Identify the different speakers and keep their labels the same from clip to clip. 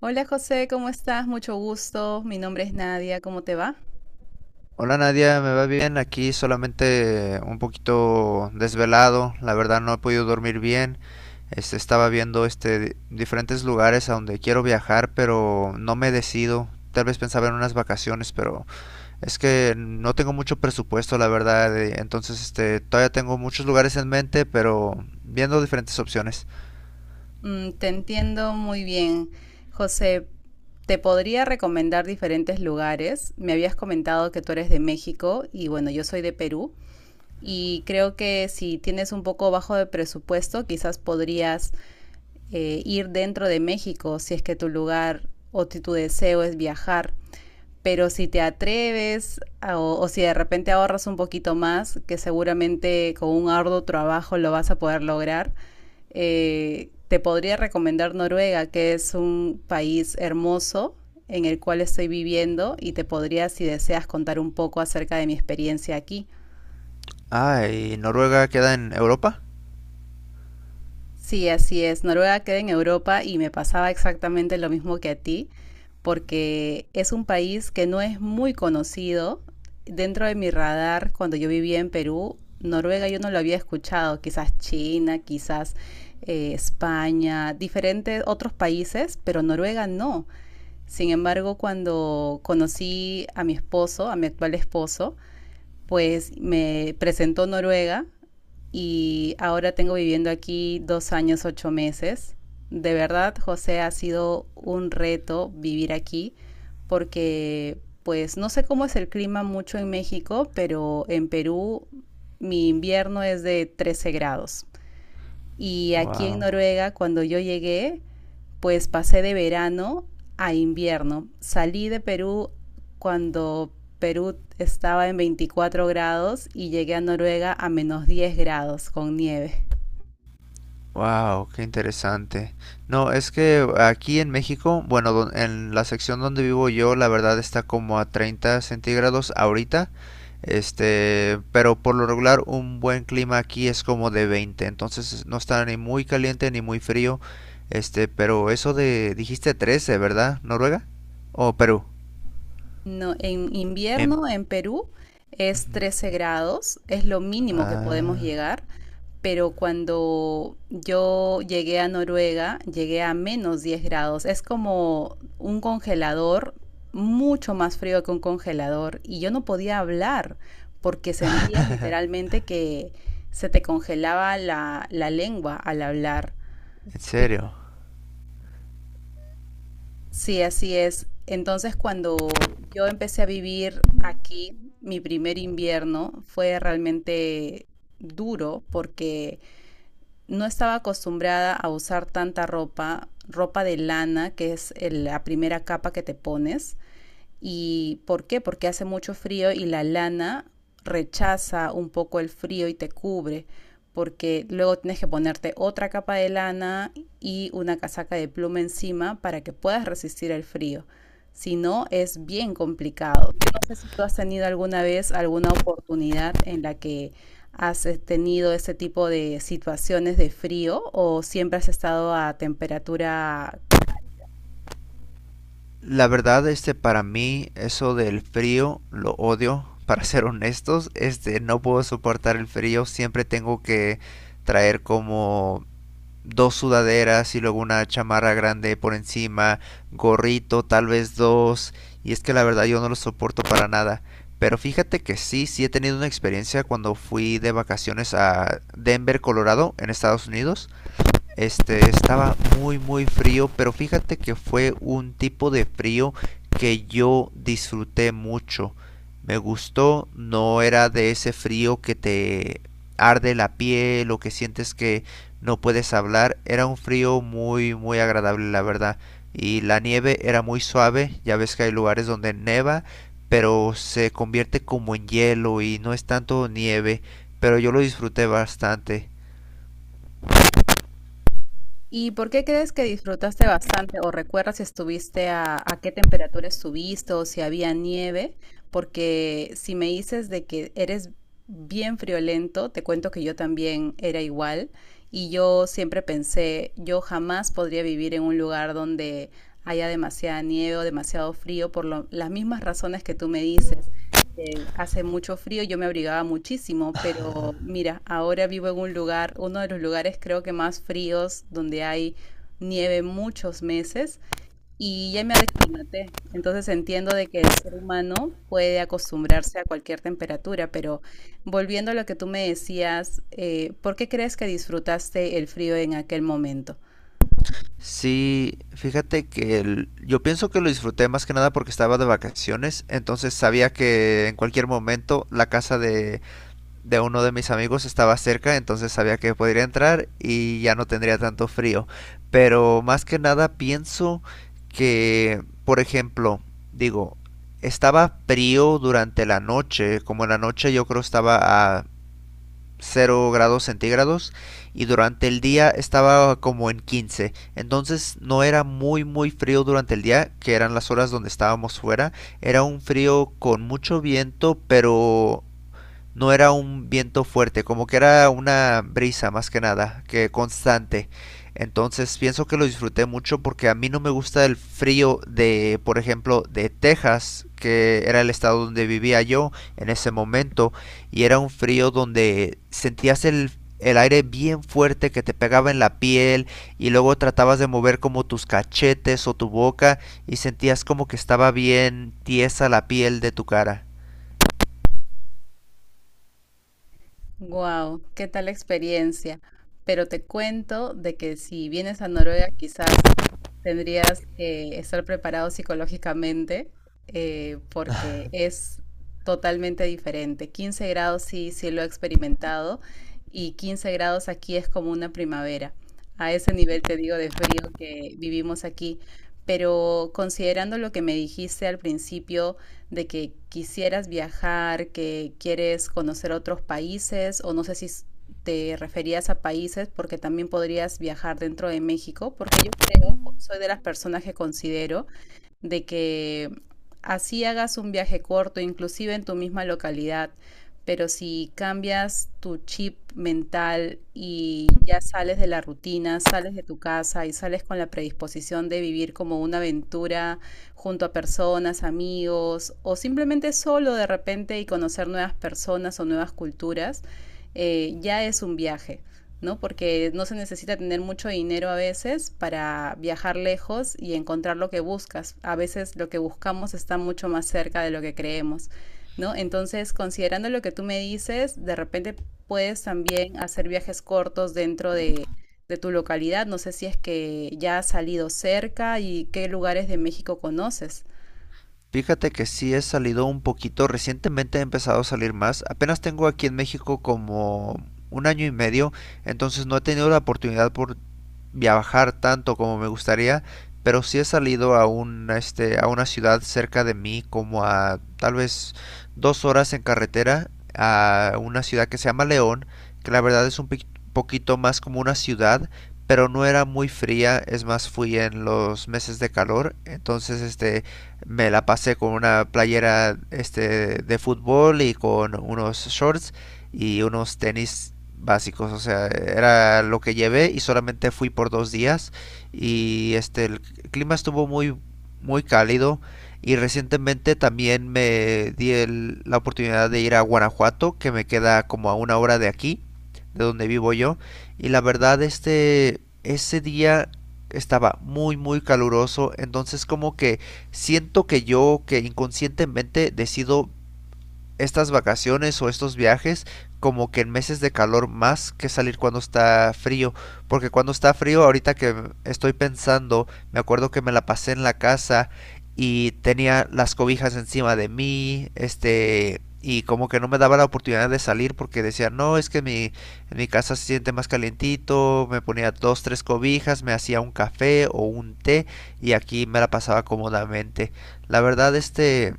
Speaker 1: Hola José, ¿cómo estás? Mucho gusto. Mi nombre es Nadia. ¿Cómo te va?
Speaker 2: Hola Nadia, me va bien, aquí solamente un poquito desvelado, la verdad no he podido dormir bien, estaba viendo diferentes lugares a donde quiero viajar, pero no me decido, tal vez pensaba en unas vacaciones, pero es que no tengo mucho presupuesto, la verdad, entonces todavía tengo muchos lugares en mente, pero viendo diferentes opciones.
Speaker 1: Te entiendo muy bien. José, te podría recomendar diferentes lugares. Me habías comentado que tú eres de México y bueno, yo soy de Perú. Y creo que si tienes un poco bajo de presupuesto, quizás podrías ir dentro de México si es que tu lugar o tu deseo es viajar. Pero si te atreves o si de repente ahorras un poquito más, que seguramente con un arduo trabajo lo vas a poder lograr, te podría recomendar Noruega, que es un país hermoso en el cual estoy viviendo y te podría, si deseas, contar un poco acerca de mi experiencia aquí.
Speaker 2: Ah, ¿y Noruega queda en Europa?
Speaker 1: Sí, así es. Noruega queda en Europa y me pasaba exactamente lo mismo que a ti, porque es un país que no es muy conocido. Dentro de mi radar, cuando yo vivía en Perú, Noruega yo no lo había escuchado, quizás China, quizás España, diferentes otros países, pero Noruega no. Sin embargo, cuando conocí a mi esposo, a mi actual esposo, pues me presentó Noruega y ahora tengo viviendo aquí 2 años, 8 meses. De verdad, José, ha sido un reto vivir aquí porque pues no sé cómo es el clima mucho en México, pero en Perú mi invierno es de 13 grados. Y aquí en
Speaker 2: Wow.
Speaker 1: Noruega, cuando yo llegué, pues pasé de verano a invierno. Salí de Perú cuando Perú estaba en 24 grados y llegué a Noruega a menos 10 grados con nieve.
Speaker 2: Wow, qué interesante. No, es que aquí en México, bueno, en la sección donde vivo yo, la verdad está como a 30 centígrados ahorita. Pero por lo regular un buen clima aquí es como de 20. Entonces no está ni muy caliente ni muy frío. Pero eso de, dijiste 13, ¿verdad? ¿Noruega? ¿O Perú?
Speaker 1: No, en
Speaker 2: En...
Speaker 1: invierno en Perú es
Speaker 2: Ujú.
Speaker 1: 13 grados, es lo mínimo que podemos
Speaker 2: Ah,
Speaker 1: llegar, pero cuando yo llegué a Noruega, llegué a -10 grados. Es como un congelador, mucho más frío que un congelador, y yo no podía hablar porque sentías literalmente que se te congelaba la lengua al hablar.
Speaker 2: ¿en serio?
Speaker 1: Sí, así es. Entonces, cuando yo empecé a vivir aquí, mi primer invierno fue realmente duro porque no estaba acostumbrada a usar tanta ropa, ropa de lana, que es la primera capa que te pones. ¿Y por qué? Porque hace mucho frío y la lana rechaza un poco el frío y te cubre, porque luego tienes que ponerte otra capa de lana y una casaca de pluma encima para que puedas resistir el frío. Si no, es bien complicado. Yo no sé si tú has tenido alguna vez alguna oportunidad en la que has tenido ese tipo de situaciones de frío o siempre has estado a temperatura.
Speaker 2: La verdad, para mí, eso del frío, lo odio, para ser honestos. No puedo soportar el frío. Siempre tengo que traer como dos sudaderas y luego una chamarra grande por encima, gorrito, tal vez dos. Y es que la verdad yo no lo soporto para nada. Pero fíjate que sí, sí he tenido una experiencia cuando fui de vacaciones a Denver, Colorado, en Estados Unidos. Estaba muy muy frío, pero fíjate que fue un tipo de frío que yo disfruté mucho. Me gustó, no era de ese frío que te arde la piel o que sientes que no puedes hablar. Era un frío muy muy agradable, la verdad. Y la nieve era muy suave, ya ves que hay lugares donde neva, pero se convierte como en hielo y no es tanto nieve, pero yo lo disfruté bastante.
Speaker 1: ¿Y por qué crees que disfrutaste bastante o recuerdas si estuviste a qué temperatura estuviste o si había nieve? Porque si me dices de que eres bien friolento, te cuento que yo también era igual y yo siempre pensé, yo jamás podría vivir en un lugar donde haya demasiada nieve o demasiado frío por las mismas razones que tú me dices, hace mucho frío, yo me abrigaba muchísimo, pero mira, ahora vivo en un lugar, uno de los lugares creo que más fríos, donde hay nieve muchos meses y ya me aclimaté. Entonces entiendo de que el ser humano puede acostumbrarse a cualquier temperatura, pero volviendo a lo que tú me decías, ¿por qué crees que disfrutaste el frío en aquel momento?
Speaker 2: Sí, fíjate que yo pienso que lo disfruté más que nada porque estaba de vacaciones, entonces sabía que en cualquier momento la casa de uno de mis amigos estaba cerca, entonces sabía que podría entrar y ya no tendría tanto frío. Pero más que nada pienso que, por ejemplo, digo, estaba frío durante la noche, como en la noche yo creo estaba a 0 grados centígrados y durante el día estaba como en 15. Entonces no era muy muy frío durante el día, que eran las horas donde estábamos fuera. Era un frío con mucho viento, pero no era un viento fuerte, como que era una brisa más que nada, que constante. Entonces pienso que lo disfruté mucho porque a mí no me gusta el frío de, por ejemplo, de Texas, que era el estado donde vivía yo en ese momento, y era un frío donde sentías el aire bien fuerte que te pegaba en la piel y luego tratabas de mover como tus cachetes o tu boca y sentías como que estaba bien tiesa la piel de tu cara.
Speaker 1: Wow, qué tal experiencia. Pero te cuento de que si vienes a Noruega, quizás tendrías que estar preparado psicológicamente, porque es totalmente diferente. 15 grados sí, sí lo he experimentado, y 15 grados aquí es como una primavera. A ese nivel te digo de frío que vivimos aquí. Pero considerando lo que me dijiste al principio, de que quisieras viajar, que quieres conocer otros países o no sé si te referías a países porque también podrías viajar dentro de México, porque yo creo, soy de las personas que considero de que así hagas un viaje corto, inclusive en tu misma localidad, pero si cambias tu chip mental y ya sales de la rutina, sales de tu casa y sales con la predisposición de vivir como una aventura junto a personas, amigos o simplemente solo de repente y conocer nuevas personas o nuevas culturas, ya es un viaje. ¿No? Porque no se necesita tener mucho dinero a veces para viajar lejos y encontrar lo que buscas. A veces lo que buscamos está mucho más cerca de lo que creemos, ¿no? Entonces, considerando lo que tú me dices, de repente puedes también hacer viajes cortos dentro de tu localidad. No sé si es que ya has salido cerca y qué lugares de México conoces.
Speaker 2: Fíjate que sí he salido un poquito, recientemente he empezado a salir más. Apenas tengo aquí en México como un año y medio, entonces no he tenido la oportunidad por viajar tanto como me gustaría, pero sí he salido a una ciudad cerca de mí, como a tal vez 2 horas en carretera, a una ciudad que se llama León, que la verdad es un poquito más como una ciudad, pero no era muy fría, es más fui en los meses de calor, entonces me la pasé con una playera de fútbol y con unos shorts y unos tenis básicos, o sea, era lo que llevé y solamente fui por 2 días y este el clima estuvo muy muy cálido y recientemente también me di la oportunidad de ir a Guanajuato que me queda como a 1 hora de aquí de donde vivo yo y la verdad ese día estaba muy muy caluroso entonces como que siento que yo que inconscientemente decido estas vacaciones o estos viajes como que en meses de calor más que salir cuando está frío. Porque cuando está frío, ahorita que estoy pensando, me acuerdo que me la pasé en la casa y tenía las cobijas encima de mí, y como que no me daba la oportunidad de salir porque decía, no, es que en mi casa se siente más calientito, me ponía dos, tres cobijas, me hacía un café o un té y aquí me la pasaba cómodamente. La verdad,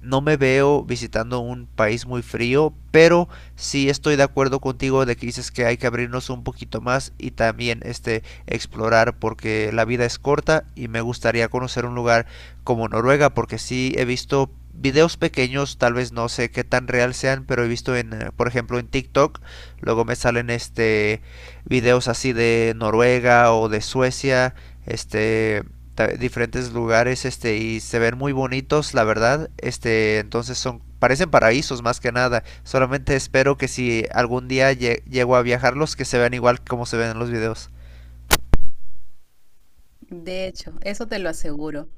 Speaker 2: no me veo visitando un país muy frío, pero sí estoy de acuerdo contigo de que dices que hay que abrirnos un poquito más y también explorar porque la vida es corta y me gustaría conocer un lugar como Noruega porque sí he visto videos pequeños, tal vez no sé qué tan real sean, pero he visto en, por ejemplo, en TikTok, luego me salen videos así de Noruega o de Suecia, este diferentes lugares y se ven muy bonitos la verdad entonces son parecen paraísos más que nada solamente espero que si algún día llego a viajarlos que se vean igual como se ven en los videos.
Speaker 1: De hecho, eso te lo aseguro.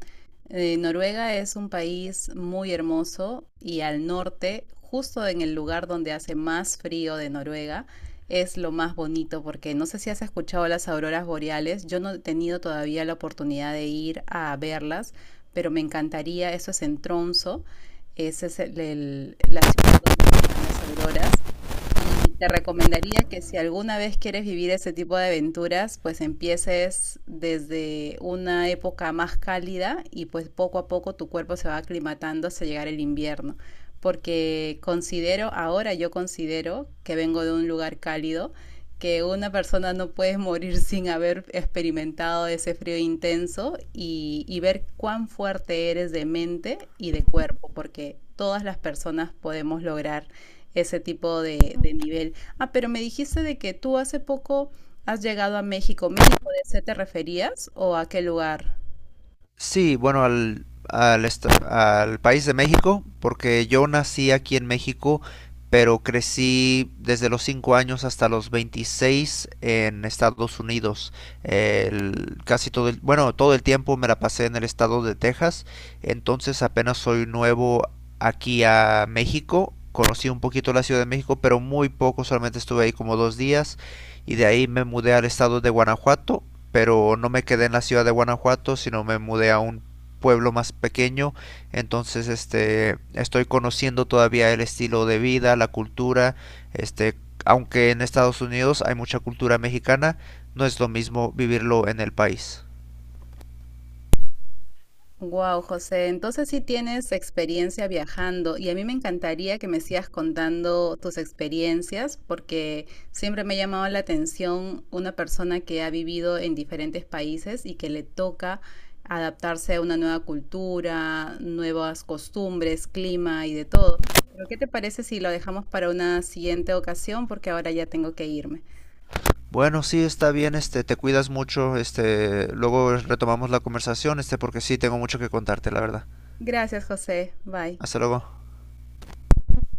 Speaker 1: Noruega es un país muy hermoso y al norte, justo en el lugar donde hace más frío de Noruega, es lo más bonito porque no sé si has escuchado las auroras boreales, yo no he tenido todavía la oportunidad de ir a verlas, pero me encantaría, eso es en Tromso, esa es la ciudad donde están las auroras y te recomendaría que si alguna vez quieres vivir ese tipo de aventuras, pues empieces desde una época más cálida y pues poco a poco tu cuerpo se va aclimatando hasta llegar el invierno. Porque considero, ahora yo considero que vengo de un lugar cálido, que una persona no puede morir sin haber experimentado ese frío intenso y ver cuán fuerte eres de mente y de cuerpo, porque todas las personas podemos lograr ese tipo de nivel. Ah, pero me dijiste de que tú hace poco has llegado a México. ¿México de ese te referías o a qué lugar?
Speaker 2: Sí, bueno, al país de México, porque yo nací aquí en México, pero crecí desde los 5 años hasta los 26 en Estados Unidos. Bueno, todo el tiempo me la pasé en el estado de Texas, entonces apenas soy nuevo aquí a México. Conocí un poquito la Ciudad de México, pero muy poco, solamente estuve ahí como 2 días y de ahí me mudé al estado de Guanajuato, pero no me quedé en la ciudad de Guanajuato, sino me mudé a un pueblo más pequeño, entonces estoy conociendo todavía el estilo de vida, la cultura, este aunque en Estados Unidos hay mucha cultura mexicana, no es lo mismo vivirlo en el país.
Speaker 1: Wow, José, entonces sí tienes experiencia viajando y a mí me encantaría que me sigas contando tus experiencias porque siempre me ha llamado la atención una persona que ha vivido en diferentes países y que le toca adaptarse a una nueva cultura, nuevas costumbres, clima y de todo. Pero ¿qué te parece si lo dejamos para una siguiente ocasión? Porque ahora ya tengo que irme.
Speaker 2: Bueno, sí, está bien, te cuidas mucho, luego retomamos la conversación, porque sí tengo mucho que contarte, la verdad.
Speaker 1: Gracias, José. Bye.
Speaker 2: Hasta luego.